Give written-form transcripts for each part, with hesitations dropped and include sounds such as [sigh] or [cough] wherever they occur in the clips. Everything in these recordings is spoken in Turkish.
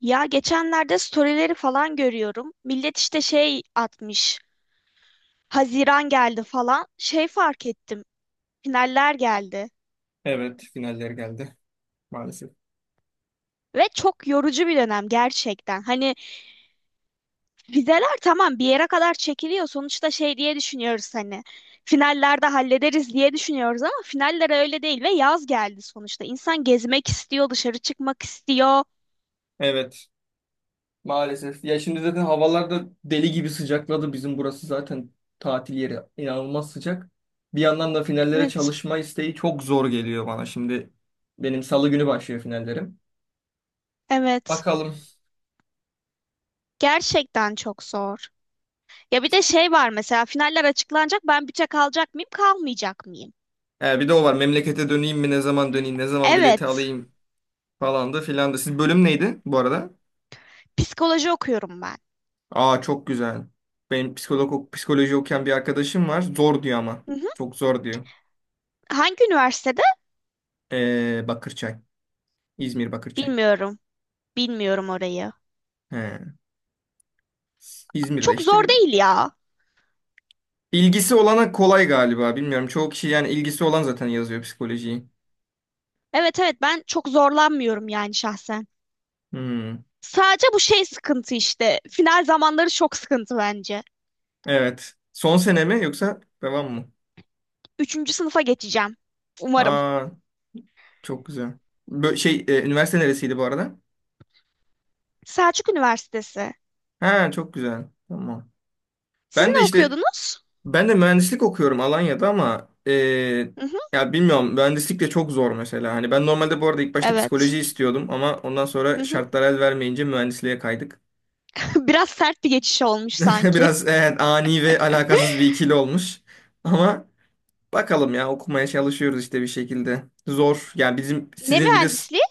Ya geçenlerde storyleri falan görüyorum. Millet işte şey atmış. Haziran geldi falan. Şey fark ettim. Finaller geldi. Evet, finaller geldi maalesef. Ve çok yorucu bir dönem gerçekten. Hani vizeler tamam bir yere kadar çekiliyor. Sonuçta şey diye düşünüyoruz hani. Finallerde hallederiz diye düşünüyoruz ama finaller öyle değil ve yaz geldi sonuçta. İnsan gezmek istiyor, dışarı çıkmak istiyor. Evet, maalesef. Ya şimdi zaten havalar da deli gibi sıcakladı. Bizim burası zaten tatil yeri inanılmaz sıcak. Bir yandan da finallere Evet, çalışma isteği çok zor geliyor bana. Şimdi benim salı günü başlıyor finallerim. evet. Bakalım. Gerçekten çok zor. Ya bir de şey var mesela finaller açıklanacak. Ben büte kalacak mıyım, kalmayacak mıyım? Bir de o var. Memlekete döneyim mi? Ne zaman döneyim? Ne zaman bileti Evet. alayım? Falan da filan da. Siz bölüm neydi bu arada? Psikoloji okuyorum ben. Aa, çok güzel. Benim psikoloji okuyan bir arkadaşım var. Zor diyor ama. Hı hı. Çok zor diyor. Hangi üniversitede? Bakırçay. İzmir Bakırçay. Bilmiyorum. Bilmiyorum orayı. He. İzmir'de Çok işte zor bir değil ya. ilgisi olana kolay galiba. Bilmiyorum. Çoğu kişi yani ilgisi olan zaten yazıyor psikolojiyi. Evet evet, ben çok zorlanmıyorum yani şahsen. Hmm. Sadece bu şey sıkıntı işte. Final zamanları çok sıkıntı bence. Evet. Son sene mi yoksa devam mı? Üçüncü sınıfa geçeceğim. Umarım. Aa, çok güzel. Üniversite neresiydi bu arada? Selçuk Üniversitesi. Ha, çok güzel. Tamam. Siz Ben de ne işte okuyordunuz? ben de mühendislik okuyorum Alanya'da ama Hı hı. ya bilmiyorum mühendislik de çok zor mesela. Hani ben normalde bu arada ilk başta Evet. psikoloji istiyordum ama ondan Hı sonra hı. şartlar el vermeyince mühendisliğe kaydık. [laughs] Biraz sert bir geçiş olmuş [laughs] sanki. Biraz evet, ani ve alakasız bir ikili olmuş. Ama bakalım ya okumaya çalışıyoruz işte bir şekilde. Zor. Yani bizim Ne sizin bir de mühendisliği?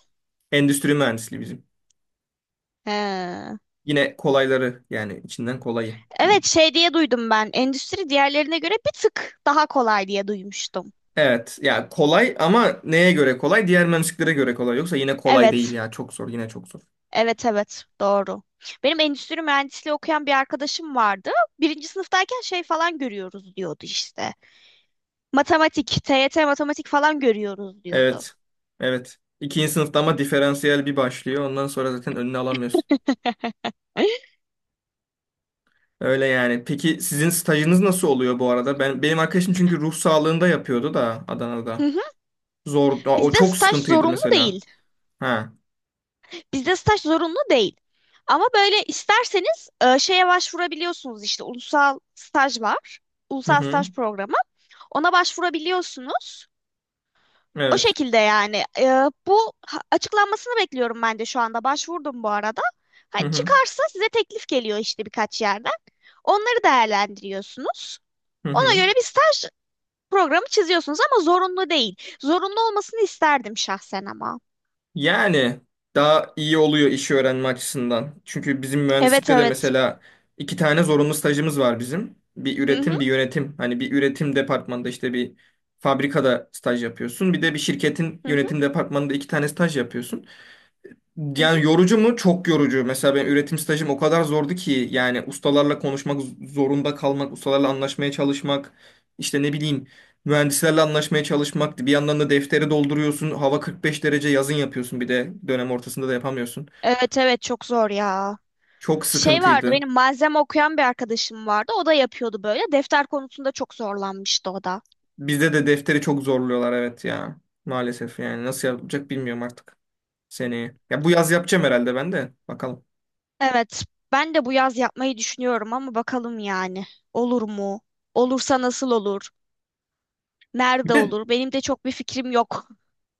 endüstri mühendisliği bizim. He. Yine kolayları yani içinden kolayı Evet diyeyim. şey diye duydum ben. Endüstri diğerlerine göre bir tık daha kolay diye duymuştum. Evet ya kolay ama neye göre kolay? Diğer mühendisliklere göre kolay. Yoksa yine kolay değil Evet. ya. Çok zor, yine çok zor. Evet evet doğru. Benim endüstri mühendisliği okuyan bir arkadaşım vardı. Birinci sınıftayken şey falan görüyoruz diyordu işte. Matematik, TYT matematik falan görüyoruz diyordu. Evet. Evet. İkinci sınıfta ama diferansiyel bir başlıyor. Ondan sonra zaten önüne alamıyorsun. [laughs] Öyle yani. Peki sizin stajınız nasıl oluyor bu arada? Benim arkadaşım çünkü ruh sağlığında yapıyordu da Hı Adana'da. hı. Zor. Aa, o Bizde çok staj sıkıntıydı zorunlu mesela. değil. Ha. Bizde staj zorunlu değil. Ama böyle isterseniz şeye başvurabiliyorsunuz işte ulusal staj var. Hı Ulusal hı. staj programı. Ona başvurabiliyorsunuz. O Evet. şekilde yani. Bu açıklanmasını bekliyorum ben de şu anda. Başvurdum bu arada. Hı Hani hı. çıkarsa size teklif geliyor işte birkaç yerden. Onları değerlendiriyorsunuz. Hı Ona hı. göre bir staj programı çiziyorsunuz ama zorunlu değil. Zorunlu olmasını isterdim şahsen ama. Yani daha iyi oluyor işi öğrenme açısından. Çünkü bizim Evet mühendislikte de evet. mesela iki tane zorunlu stajımız var bizim. Bir Hı hı üretim, bir yönetim. Hani bir üretim departmanında işte bir fabrikada staj yapıyorsun. Bir de bir şirketin hı hı yönetim departmanında iki tane staj yapıyorsun. hı. Hı. Yani yorucu mu? Çok yorucu. Mesela ben üretim stajım o kadar zordu ki yani ustalarla konuşmak zorunda kalmak, ustalarla anlaşmaya çalışmak, işte ne bileyim mühendislerle anlaşmaya çalışmak. Bir yandan da defteri dolduruyorsun. Hava 45 derece, yazın yapıyorsun, bir de dönem ortasında da yapamıyorsun. Evet evet çok zor ya. Çok Şey vardı sıkıntıydı. benim malzeme okuyan bir arkadaşım vardı. O da yapıyordu böyle. Defter konusunda çok zorlanmıştı o da. Bizde de defteri çok zorluyorlar, evet ya. Maalesef yani nasıl yapacak bilmiyorum artık seneye. Ya bu yaz yapacağım herhalde ben de. Bakalım. Evet, ben de bu yaz yapmayı düşünüyorum ama bakalım yani. Olur mu? Olursa nasıl olur? Bir Nerede de olur? Benim de çok bir fikrim yok.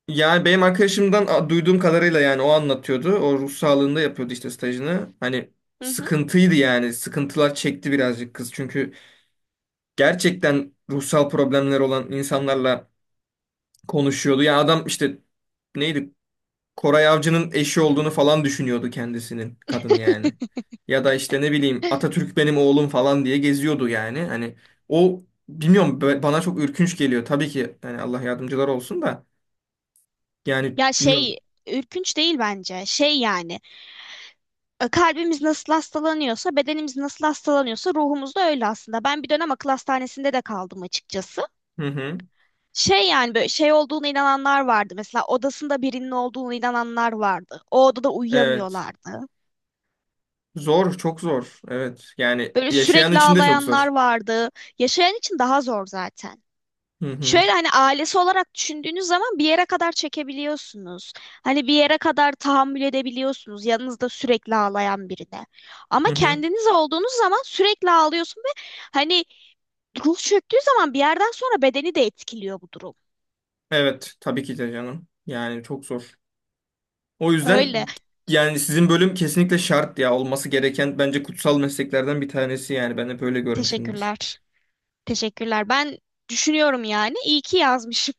yani benim arkadaşımdan duyduğum kadarıyla yani o anlatıyordu. O ruh sağlığında yapıyordu işte stajını. Hani Hı hı. sıkıntıydı yani. Sıkıntılar çekti birazcık kız. Çünkü gerçekten ruhsal problemler olan insanlarla konuşuyordu. Ya adam işte neydi? Koray Avcı'nın eşi Hı. olduğunu falan düşünüyordu kendisinin, kadın yani. [laughs] Ya da işte ne bileyim Atatürk benim oğlum falan diye geziyordu yani. Hani o bilmiyorum, bana çok ürkünç geliyor. Tabii ki yani Allah yardımcılar olsun da yani Ya bilmiyorum. şey, ürkünç değil bence. Şey yani, kalbimiz nasıl hastalanıyorsa, bedenimiz nasıl hastalanıyorsa ruhumuz da öyle aslında. Ben bir dönem akıl hastanesinde de kaldım açıkçası. Hı hı. Şey yani böyle şey olduğuna inananlar vardı. Mesela odasında birinin olduğunu inananlar vardı. O odada Evet. uyuyamıyorlardı. Zor, çok zor. Evet. Yani Böyle yaşayan sürekli için de çok ağlayanlar zor. vardı. Yaşayan için daha zor zaten. Hı hı. Şöyle hani ailesi olarak düşündüğünüz zaman bir yere kadar çekebiliyorsunuz. Hani bir yere kadar tahammül edebiliyorsunuz yanınızda sürekli ağlayan birine. Ama Hı hı. kendiniz olduğunuz zaman sürekli ağlıyorsun ve hani ruh çöktüğü zaman bir yerden sonra bedeni de etkiliyor bu durum. Evet, tabii ki de canım. Yani çok zor. O yüzden Öyle. yani sizin bölüm kesinlikle şart ya. Olması gereken, bence kutsal mesleklerden bir tanesi yani. Ben hep öyle görmüşümdür. Teşekkürler. Teşekkürler. Ben düşünüyorum yani. İyi ki yazmışım.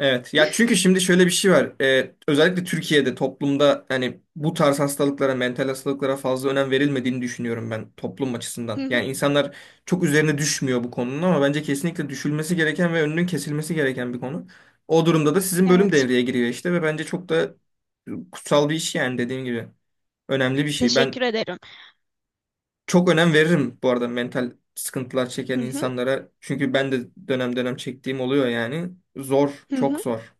Evet ya, çünkü şimdi şöyle bir şey var. Özellikle Türkiye'de toplumda hani bu tarz hastalıklara, mental hastalıklara fazla önem verilmediğini düşünüyorum ben, toplum Hı açısından. hı. Yani insanlar çok üzerine düşmüyor bu konunun ama bence kesinlikle düşülmesi gereken ve önünün kesilmesi gereken bir konu. O durumda da sizin bölüm Evet. devreye giriyor işte ve bence çok da kutsal bir iş yani, dediğim gibi. Önemli bir şey. Ben Teşekkür ederim. çok önem veririm bu arada mental sıkıntılar çeken Hı hı. insanlara. Çünkü ben de dönem dönem çektiğim oluyor yani. Zor, Hı çok hı. zor.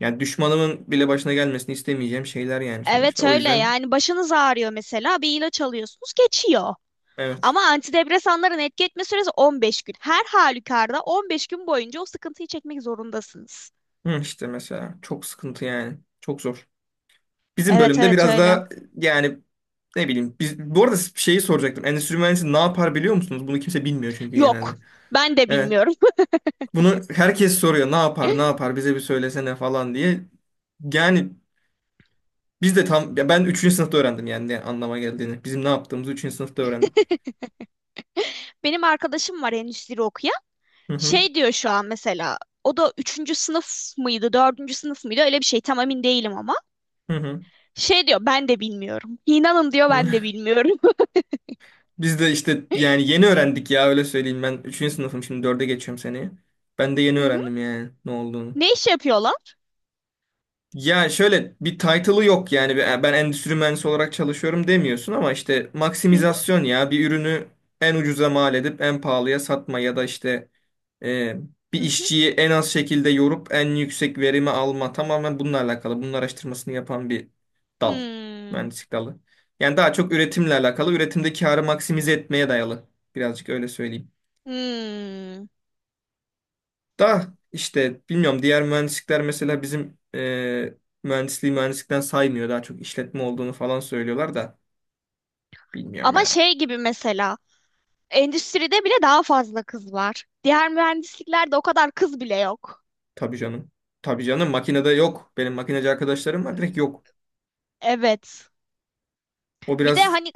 Yani düşmanımın bile başına gelmesini istemeyeceğim şeyler yani sonuçta. Evet O öyle yüzden yani, başınız ağrıyor mesela bir ilaç alıyorsunuz geçiyor. evet. Ama antidepresanların etki etme süresi 15 gün. Her halükarda 15 gün boyunca o sıkıntıyı çekmek zorundasınız. Hı, işte mesela çok sıkıntı yani. Çok zor. Bizim Evet bölümde evet biraz öyle. daha yani, ne bileyim. Bu arada şeyi soracaktım. Endüstri mühendisi ne yapar biliyor musunuz? Bunu kimse bilmiyor çünkü Yok genelde. ben de Evet. bilmiyorum. Bunu herkes soruyor. Ne yapar, ne yapar, bize bir söylesene falan diye. Yani biz de tam, ya ben üçüncü sınıfta öğrendim yani ne anlama geldiğini. Bizim ne yaptığımızı üçüncü sınıfta öğrendim. [laughs] Benim arkadaşım var endüstri okuyan. Hı hı. Şey diyor şu an mesela o da üçüncü sınıf mıydı, dördüncü sınıf mıydı öyle bir şey tam emin değilim ama. Hı hı. Şey diyor ben de bilmiyorum. İnanın diyor ben de [laughs] bilmiyorum. Biz de işte yani yeni öğrendik ya, öyle söyleyeyim. Ben üçüncü sınıfım, şimdi 4'e geçiyorum seneye. Ben de [laughs] yeni Hı hı. öğrendim yani ne olduğunu. Ne iş yapıyor lan? Ya şöyle, bir title'ı yok yani, ben endüstri mühendisi olarak çalışıyorum demiyorsun ama işte Hı hı, maksimizasyon, ya bir ürünü en ucuza mal edip en pahalıya satma ya da işte ee, bir hı hı. işçiyi en az şekilde yorup en yüksek verimi alma, tamamen bununla alakalı. Bunun araştırmasını yapan bir dal. Hmm. Mühendislik dalı. Yani daha çok üretimle alakalı. Üretimde karı maksimize etmeye dayalı. Birazcık öyle söyleyeyim. Hmm. Da işte bilmiyorum, diğer mühendislikler mesela bizim mühendisliği mühendislikten saymıyor. Daha çok işletme olduğunu falan söylüyorlar da bilmiyorum Ama ya. şey gibi mesela endüstride bile daha fazla kız var. Diğer mühendisliklerde o kadar kız bile yok. Tabii canım. Tabii canım, makinede yok. Benim makineci arkadaşlarım var, direkt yok. Evet. O Bir de biraz hani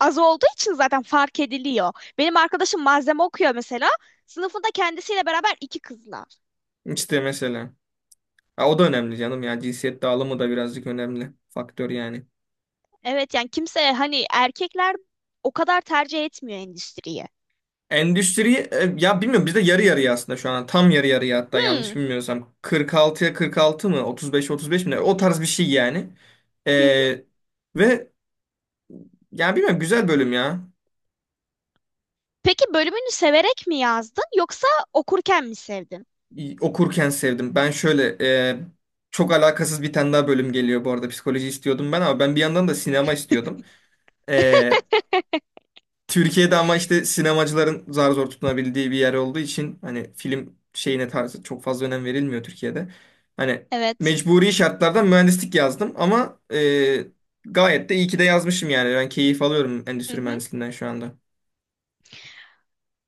az olduğu için zaten fark ediliyor. Benim arkadaşım malzeme okuyor mesela. Sınıfında kendisiyle beraber iki kızlar. işte, mesela. Ha, o da önemli canım ya. Cinsiyet dağılımı da birazcık önemli faktör yani. Evet yani kimse hani erkekler o kadar tercih etmiyor endüstriyi. Endüstriyi ya bilmiyorum, bizde yarı yarıya aslında şu an, tam yarı yarıya, hatta yanlış Hmm. bilmiyorsam 46'ya 46 mı, 35'e 35 mi ne? O tarz bir şey yani. E, Hı hı. ve ya bilmiyorum, güzel bölüm ya. Peki bölümünü severek mi yazdın yoksa okurken mi sevdin? Okurken sevdim. Ben şöyle e, çok alakasız bir tane daha bölüm geliyor bu arada, psikoloji istiyordum ben ama ben bir yandan da sinema istiyordum. E, [laughs] Türkiye'de ama işte sinemacıların zar zor tutunabildiği bir yer olduğu için hani film şeyine, tarzı çok fazla önem verilmiyor Türkiye'de. Hani Evet. mecburi şartlardan mühendislik yazdım ama gayet de iyi ki de yazmışım yani. Ben keyif alıyorum Hı endüstri hı. mühendisliğinden şu anda.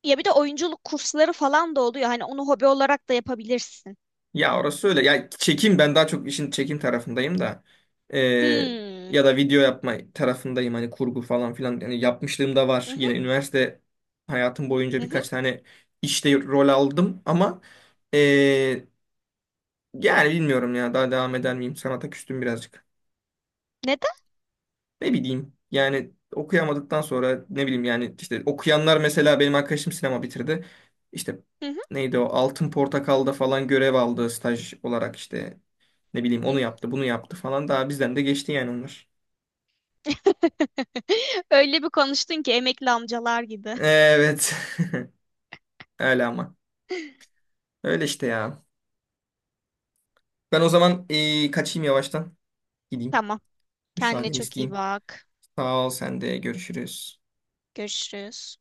Ya bir de oyunculuk kursları falan da oluyor. Hani onu hobi olarak da yapabilirsin. Ya orası öyle. Ya ben daha çok işin çekim tarafındayım da, E, Hmm. ya da video yapma tarafındayım, hani kurgu falan filan yani yapmışlığım da Hı var. hı, Yine üniversite hayatım boyunca hı hı. birkaç tane işte rol aldım ama ee, Yani bilmiyorum ya, daha devam eder miyim? Sanata küstüm birazcık. Neden? Ne bileyim yani, okuyamadıktan sonra ne bileyim yani, işte okuyanlar mesela benim arkadaşım sinema bitirdi. İşte Hı hı, neydi o, Altın Portakal'da falan görev aldı staj olarak, işte ne bileyim, hı onu hı. yaptı bunu yaptı falan, daha bizden de geçti yani onlar. [laughs] Öyle bir konuştun ki emekli amcalar gibi. Evet, [laughs] öyle ama, [laughs] öyle işte ya. Ben o zaman kaçayım yavaştan, gideyim, Tamam. Kendine müsaadeni çok iyi isteyeyim. bak. Sağ ol, sen de görüşürüz. Görüşürüz.